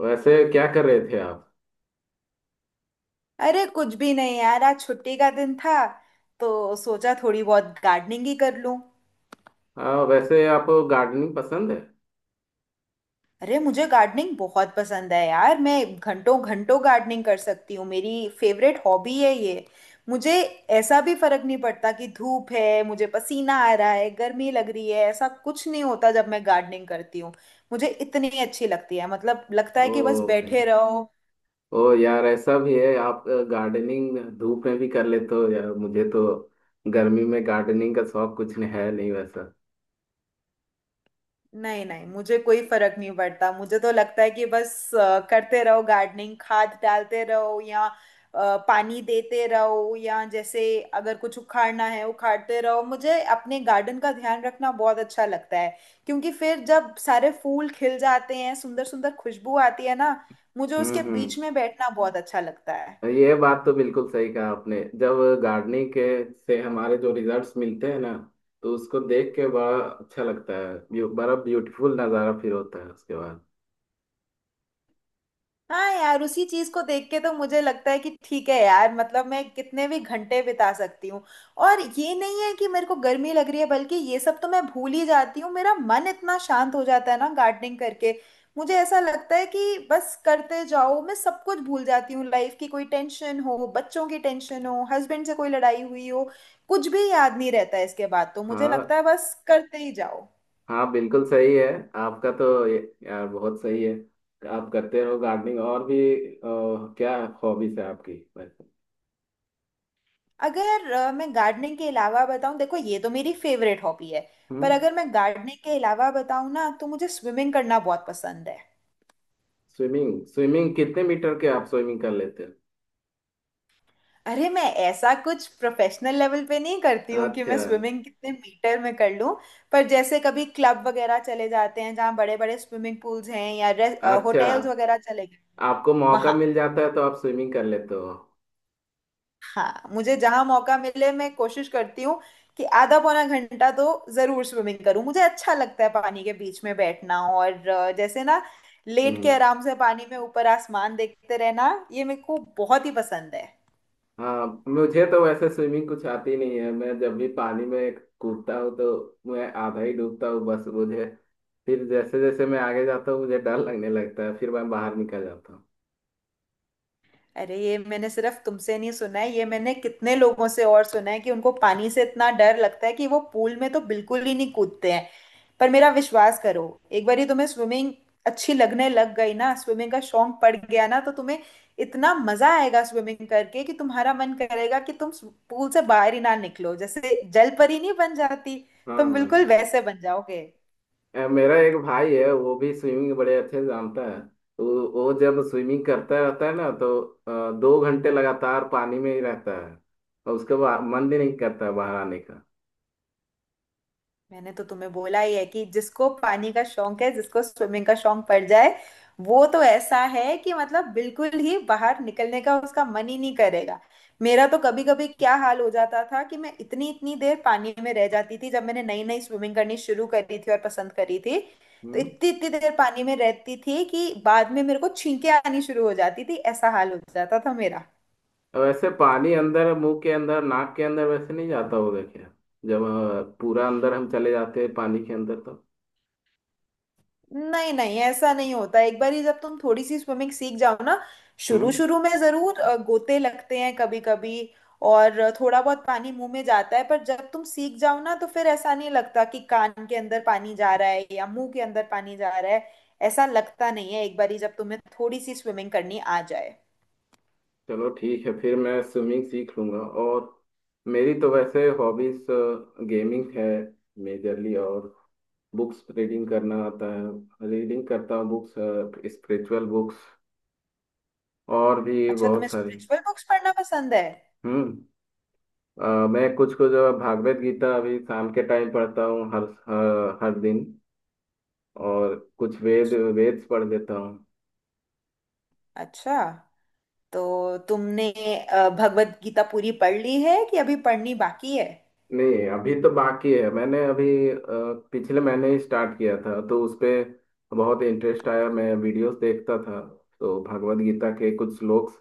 वैसे क्या कर रहे थे आप। अरे कुछ भी नहीं यार, आज छुट्टी का दिन था, तो सोचा थोड़ी बहुत गार्डनिंग ही कर लूं। हाँ, वैसे आपको गार्डनिंग पसंद है। अरे, मुझे गार्डनिंग बहुत पसंद है यार। मैं घंटों घंटों गार्डनिंग कर सकती हूँ। मेरी फेवरेट हॉबी है ये। मुझे ऐसा भी फर्क नहीं पड़ता कि धूप है, मुझे पसीना आ रहा है, गर्मी लग रही है, ऐसा कुछ नहीं होता जब मैं गार्डनिंग करती हूँ। मुझे इतनी अच्छी लगती है, मतलब लगता है ओ कि बस भाई, बैठे रहो। ओ यार, ऐसा भी है आप गार्डनिंग धूप में भी कर लेते हो। यार मुझे तो गर्मी में गार्डनिंग का शौक कुछ नहीं है, नहीं वैसा। नहीं नहीं, मुझे कोई फर्क नहीं पड़ता। मुझे तो लगता है कि बस करते रहो गार्डनिंग, खाद डालते रहो या पानी देते रहो, या जैसे अगर कुछ उखाड़ना है उखाड़ते रहो। मुझे अपने गार्डन का ध्यान रखना बहुत अच्छा लगता है, क्योंकि फिर जब सारे फूल खिल जाते हैं, सुंदर सुंदर खुशबू आती है ना, मुझे उसके हम्म। बीच में बैठना बहुत अच्छा लगता है। ये बात तो बिल्कुल सही कहा आपने, जब गार्डनिंग के से हमारे जो रिजल्ट्स मिलते हैं ना, तो उसको देख के बड़ा अच्छा लगता है। बड़ा ब्यूटीफुल नज़ारा फिर होता है उसके बाद। हाँ यार, उसी चीज को देख के तो मुझे लगता है कि ठीक है यार, मतलब मैं कितने भी घंटे बिता सकती हूँ। और ये नहीं है कि मेरे को गर्मी लग रही है, बल्कि ये सब तो मैं भूल ही जाती हूँ। मेरा मन इतना शांत हो जाता है ना गार्डनिंग करके। मुझे ऐसा लगता है कि बस करते जाओ, मैं सब कुछ भूल जाती हूँ। लाइफ की कोई टेंशन हो, बच्चों की टेंशन हो, हस्बैंड से कोई लड़ाई हुई हो, कुछ भी याद नहीं रहता है इसके बाद। तो मुझे लगता हाँ, है बस करते ही जाओ। हाँ बिल्कुल सही है। आपका तो यार बहुत सही है। आप करते हो गार्डनिंग और भी, क्या हॉबीज है आपकी वैसे। अगर मैं गार्डनिंग के अलावा बताऊं, देखो ये तो मेरी फेवरेट हॉबी है। हम्म। पर अगर मैं गार्डनिंग के अलावा बताऊं ना, तो मुझे स्विमिंग करना बहुत पसंद है। स्विमिंग, स्विमिंग कितने मीटर के आप स्विमिंग कर लेते अरे मैं ऐसा कुछ प्रोफेशनल लेवल पे नहीं करती हो। हूँ कि मैं अच्छा, स्विमिंग कितने मीटर में कर लूँ। पर जैसे कभी क्लब वगैरह चले जाते हैं जहाँ बड़े बड़े स्विमिंग पूल्स हैं, या अच्छा होटल्स वगैरह चले गए आपको मौका वहां। मिल जाता है तो आप स्विमिंग कर लेते हो। हाँ, मुझे जहां मौका मिले मैं कोशिश करती हूँ कि आधा पौना घंटा तो जरूर स्विमिंग करूँ। मुझे अच्छा लगता है पानी के बीच में बैठना, और जैसे ना लेट के हम्म। आराम से पानी में ऊपर आसमान देखते रहना, ये मेरे को बहुत ही पसंद है। हाँ मुझे तो वैसे स्विमिंग कुछ आती नहीं है। मैं जब भी पानी में कूदता हूँ तो मैं आधा ही डूबता हूँ, बस मुझे फिर जैसे जैसे मैं आगे जाता हूँ मुझे डर लगने लगता है, फिर मैं बाहर निकल जाता हूँ। अरे ये मैंने सिर्फ तुमसे नहीं सुना है, ये मैंने कितने लोगों से और सुना है कि उनको पानी से इतना डर लगता है कि वो पूल में तो बिल्कुल ही नहीं कूदते हैं। पर मेरा विश्वास करो, एक बार तुम्हें स्विमिंग अच्छी लगने लग गई ना, स्विमिंग का शौक पड़ गया ना, तो तुम्हें इतना मजा आएगा स्विमिंग करके कि तुम्हारा मन करेगा कि तुम पूल से बाहर ही ना निकलो। जैसे जल परी नहीं बन जाती, हाँ तुम हाँ। बिल्कुल वैसे बन जाओगे। मेरा एक भाई है, वो भी स्विमिंग बड़े अच्छे से जानता है। वो जब स्विमिंग करता रहता है ना, तो 2 घंटे लगातार पानी में ही रहता है। और उसके बाद मन भी नहीं करता है बाहर आने का। मैंने तो तुम्हें बोला ही है कि जिसको पानी का शौक है, जिसको स्विमिंग का शौक पड़ जाए, वो तो ऐसा है कि मतलब बिल्कुल ही बाहर निकलने का उसका मन ही नहीं करेगा। मेरा तो कभी कभी क्या हाल हो जाता था कि मैं इतनी इतनी देर पानी में रह जाती थी जब मैंने नई नई स्विमिंग करनी शुरू करी थी और पसंद करी थी। तो हम्म। इतनी इतनी देर पानी में रहती थी कि बाद में मेरे को छींके आनी शुरू हो जाती थी, ऐसा हाल हो जाता था मेरा। और वैसे पानी अंदर, मुंह के अंदर, नाक के अंदर वैसे नहीं जाता होगा क्या, जब पूरा अंदर हम चले जाते हैं पानी के अंदर तो। नहीं नहीं, ऐसा नहीं होता। एक बार ही जब तुम थोड़ी सी स्विमिंग सीख जाओ ना, शुरू हम्म। शुरू में जरूर गोते लगते हैं कभी कभी, और थोड़ा बहुत पानी मुंह में जाता है। पर जब तुम सीख जाओ ना, तो फिर ऐसा नहीं लगता कि कान के अंदर पानी जा रहा है या मुंह के अंदर पानी जा रहा है। ऐसा लगता नहीं है एक बार ही जब तुम्हें थोड़ी सी स्विमिंग करनी आ जाए। चलो ठीक है, फिर मैं स्विमिंग सीख लूंगा। और मेरी तो वैसे हॉबीज गेमिंग है मेजरली। और बुक्स रीडिंग करना आता है, रीडिंग करता हूँ बुक्स, स्पिरिचुअल बुक्स और भी अच्छा, तुम्हें बहुत सारी। स्पिरिचुअल बुक्स पढ़ना पसंद है? हम्म। मैं कुछ कुछ भागवत गीता अभी शाम के टाइम पढ़ता हूँ, हर हर हर दिन। और कुछ वेद्स पढ़ लेता हूँ। अच्छा, तो तुमने भगवत गीता पूरी पढ़ ली है कि अभी पढ़नी बाकी है? नहीं, अभी तो बाकी है। मैंने अभी पिछले महीने ही स्टार्ट किया था, तो उस पे बहुत इंटरेस्ट आया। मैं वीडियोस देखता था तो भगवद गीता के कुछ श्लोक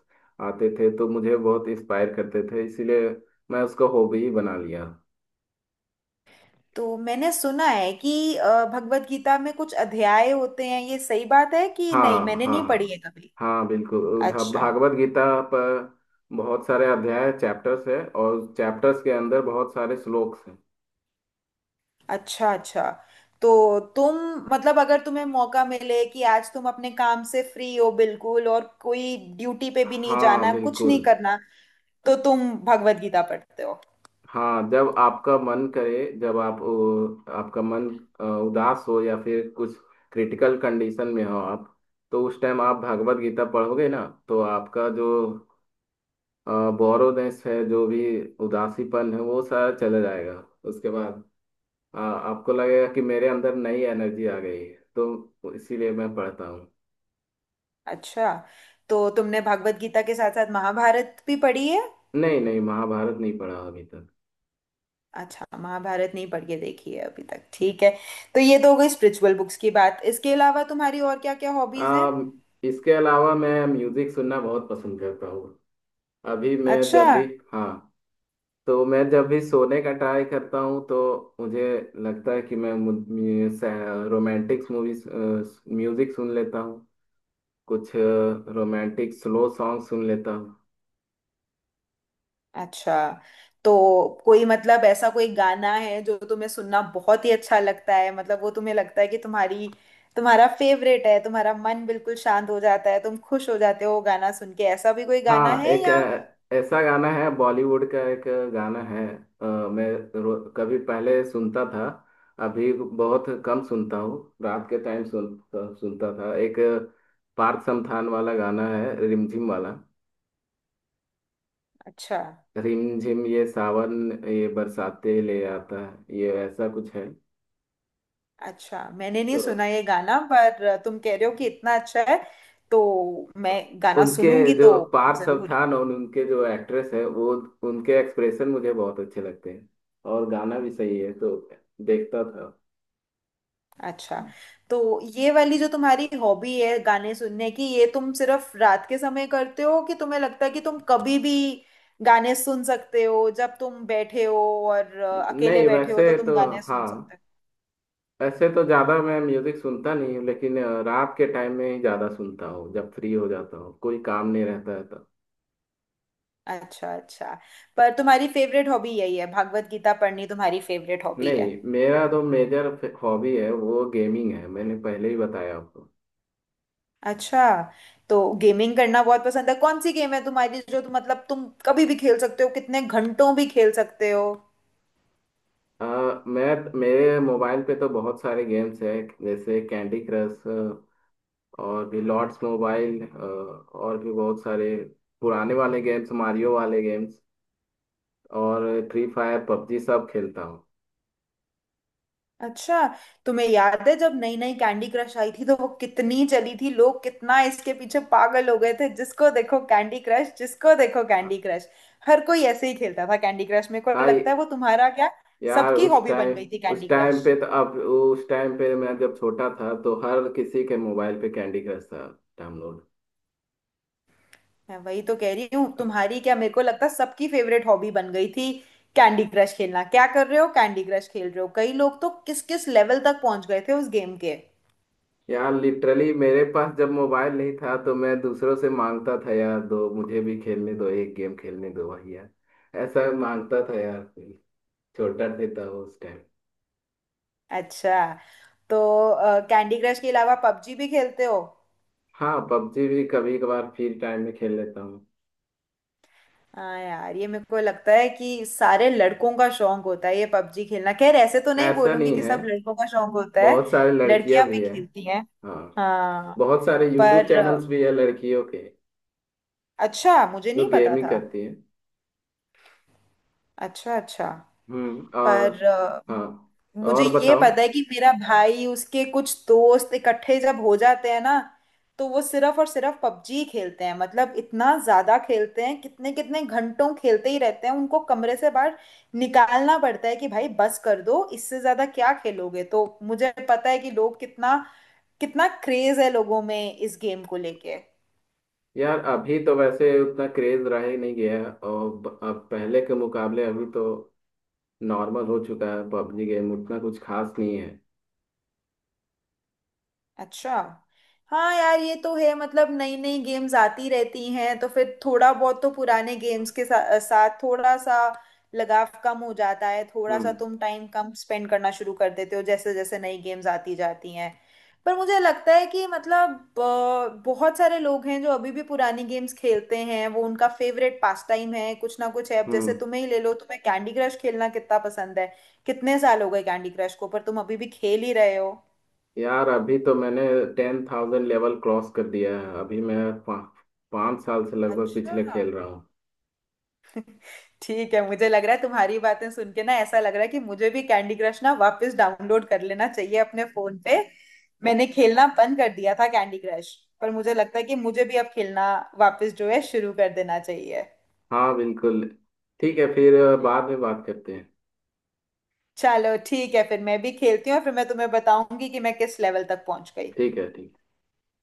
आते थे, तो मुझे बहुत इंस्पायर करते थे, इसीलिए मैं उसको हॉबी ही बना लिया। तो मैंने सुना है कि भगवत गीता में कुछ अध्याय होते हैं, ये सही बात है कि हाँ, नहीं? मैंने हाँ नहीं पढ़ी हाँ। है कभी। हाँ बिल्कुल, अच्छा, भागवत गीता पर बहुत सारे अध्याय चैप्टर्स है, और चैप्टर्स के अंदर बहुत सारे श्लोक्स हैं। अच्छा। अच्छा, तो तुम, मतलब अगर तुम्हें मौका मिले कि आज तुम अपने काम से फ्री हो बिल्कुल, और कोई ड्यूटी पे भी नहीं हाँ जाना, कुछ बिल्कुल। नहीं करना, तो तुम भगवत गीता पढ़ते हो? हाँ जब आपका मन करे, जब आप, आपका मन उदास हो या फिर कुछ क्रिटिकल कंडीशन में हो आप, तो उस टाइम आप भागवत गीता पढ़ोगे ना, तो आपका जो बोरोनेस है, जो भी उदासीपन है, वो सारा चला जाएगा। उसके बाद आपको लगेगा कि मेरे अंदर नई एनर्जी आ गई है, तो इसीलिए मैं पढ़ता हूँ। अच्छा, तो तुमने भगवत गीता के साथ साथ महाभारत भी पढ़ी है? नहीं नहीं, महाभारत नहीं पढ़ा अभी तक। अच्छा, महाभारत नहीं पढ़ के देखी है अभी तक, ठीक है। तो ये तो हो गई स्पिरिचुअल बुक्स की बात, इसके अलावा तुम्हारी और क्या क्या हॉबीज हैं? अ, इसके अलावा मैं म्यूजिक सुनना बहुत पसंद करता हूँ। अभी मैं अच्छा, जब भी, हाँ, तो मैं जब भी सोने का ट्राई करता हूँ तो मुझे लगता है कि मैं रोमांटिक मूवीज म्यूजिक सुन लेता हूँ, कुछ रोमांटिक स्लो सॉन्ग सुन लेता हूँ। अच्छा। तो कोई, मतलब ऐसा कोई गाना है जो तुम्हें सुनना बहुत ही अच्छा लगता है, मतलब वो तुम्हें लगता है कि तुम्हारी, तुम्हारा फेवरेट है, तुम्हारा मन बिल्कुल शांत हो जाता है, तुम खुश हो जाते हो वो गाना सुन के, ऐसा भी कोई गाना हाँ है एक, या? ऐसा गाना है, बॉलीवुड का एक गाना है। मैं कभी पहले सुनता था, अभी बहुत कम सुनता हूँ। रात के टाइम सुनता था एक, पार्थ समथान वाला गाना है, रिमझिम वाला। अच्छा, रिम झिम ये सावन, ये बरसाते ले आता है, ये ऐसा कुछ है। अच्छा, मैंने नहीं तो सुना ये गाना, पर तुम कह रहे हो कि इतना अच्छा है तो मैं गाना उनके सुनूंगी, तो जो पार्थ सब जरूर। था ना, उनके जो एक्ट्रेस है वो, उनके एक्सप्रेशन मुझे बहुत अच्छे लगते हैं, और गाना भी सही है तो देखता था। अच्छा, तो ये वाली जो तुम्हारी हॉबी है गाने सुनने की, ये तुम सिर्फ रात के समय करते हो कि तुम्हें लगता है कि तुम कभी भी गाने सुन सकते हो, जब तुम बैठे हो और अकेले नहीं बैठे हो तो वैसे तुम तो, गाने सुन सकते हो? हाँ वैसे तो ज़्यादा मैं म्यूज़िक सुनता नहीं हूँ, लेकिन रात के टाइम में ही ज़्यादा सुनता हूँ, जब फ्री हो जाता हूँ कोई काम नहीं रहता है तो। अच्छा, अच्छा। पर तुम्हारी फेवरेट हॉबी यही है, भागवत गीता पढ़नी तुम्हारी फेवरेट हॉबी है? नहीं, मेरा तो मेजर हॉबी है वो गेमिंग है, मैंने पहले ही बताया आपको। अच्छा, तो गेमिंग करना बहुत पसंद है? कौन सी गेम है तुम्हारी जो तुम, मतलब तुम कभी भी खेल सकते हो, कितने घंटों भी खेल सकते हो? अ, मैं, मेरे मोबाइल पे तो बहुत सारे गेम्स हैं, जैसे कैंडी क्रश, और भी लॉर्ड्स मोबाइल, और भी बहुत सारे पुराने वाले गेम्स, मारियो वाले गेम्स, और फ्री फायर, पबजी सब खेलता हूँ। अच्छा, तुम्हें याद है जब नई नई कैंडी क्रश आई थी तो वो कितनी चली थी, लोग कितना इसके पीछे पागल हो गए थे। जिसको देखो कैंडी क्रश, जिसको देखो कैंडी क्रश, हर कोई ऐसे ही खेलता था कैंडी क्रश। मेरे को हाँ लगता है वो तुम्हारा क्या, यार सबकी उस हॉबी बन टाइम, गई थी उस कैंडी टाइम क्रश। पे तो अब उस टाइम पे मैं जब छोटा था तो हर किसी के मोबाइल पे कैंडी क्रश था डाउनलोड। मैं वही तो कह रही हूँ, तुम्हारी क्या, मेरे को लगता है सबकी फेवरेट हॉबी बन गई थी कैंडी क्रश खेलना। क्या कर रहे हो? कैंडी क्रश खेल रहे हो। कई लोग तो किस किस लेवल तक पहुंच गए थे उस गेम के। यार लिटरली मेरे पास जब मोबाइल नहीं था, तो मैं दूसरों से मांगता था, यार दो मुझे भी खेलने दो, एक गेम खेलने दो भैया, ऐसा मांगता था यार, छोटा देता हूँ उस टाइम। अच्छा, तो कैंडी क्रश के अलावा पबजी भी खेलते हो? हाँ पबजी भी कभी कभार फ्री टाइम में खेल लेता हूँ। हाँ यार, ये मेरे को लगता है कि सारे लड़कों का शौक होता है ये पबजी खेलना। खैर, ऐसे तो नहीं ऐसा बोलूंगी नहीं कि है, सब लड़कों का शौक होता है, बहुत सारे लड़कियां लड़कियां भी भी है। खेलती हैं। हाँ, हाँ। बहुत सारे यूट्यूब पर चैनल्स भी है लड़कियों के अच्छा, मुझे जो नहीं पता गेमिंग था। करती है। अच्छा, अच्छा। और। पर हाँ, मुझे और ये बताओ। पता है कि मेरा भाई उसके कुछ दोस्त इकट्ठे जब हो जाते हैं ना, तो वो सिर्फ और सिर्फ पबजी खेलते हैं। मतलब इतना ज्यादा खेलते हैं, कितने कितने घंटों खेलते ही रहते हैं, उनको कमरे से बाहर निकालना पड़ता है कि भाई बस कर दो, इससे ज्यादा क्या खेलोगे। तो मुझे पता है कि लोग कितना, कितना क्रेज है लोगों में इस गेम को लेके। यार अभी तो वैसे उतना क्रेज रहा ही नहीं गया है, और अब पहले के मुकाबले अभी तो नॉर्मल हो चुका है, पबजी गेम उतना कुछ खास नहीं है। अच्छा। हाँ यार, ये तो है, मतलब नई नई गेम्स आती रहती हैं, तो फिर थोड़ा बहुत तो पुराने गेम्स के साथ थोड़ा सा लगाव कम हो जाता है, थोड़ा सा हम्म तुम टाइम कम स्पेंड करना शुरू कर देते हो जैसे जैसे नई गेम्स आती जाती हैं। पर मुझे लगता है कि मतलब बहुत सारे लोग हैं जो अभी भी पुरानी गेम्स खेलते हैं, वो उनका फेवरेट पास टाइम है। कुछ ना कुछ है, अब जैसे हम्म। तुम्हें ही ले लो, तुम्हें कैंडी क्रश खेलना कितना पसंद है। कितने साल हो गए कैंडी क्रश को, पर तुम अभी भी खेल ही रहे हो। यार अभी तो मैंने 10,000 लेवल क्रॉस कर दिया है। अभी मैं 5 साल से लगभग अच्छा। पिछले खेल रहा हूँ। ठीक है, मुझे लग रहा है तुम्हारी बातें सुन के ना, ऐसा लग रहा है कि मुझे भी कैंडी क्रश ना वापस डाउनलोड कर लेना चाहिए अपने फोन पे। मैंने खेलना बंद कर दिया था कैंडी क्रश, पर मुझे लगता है कि मुझे भी अब खेलना वापस जो है शुरू कर देना चाहिए। हाँ बिल्कुल, ठीक है फिर, बाद में बात करते हैं। चलो ठीक है, फिर मैं भी खेलती हूँ और फिर मैं तुम्हें बताऊंगी कि मैं किस लेवल तक पहुंच गई। ठीक है, ठीक।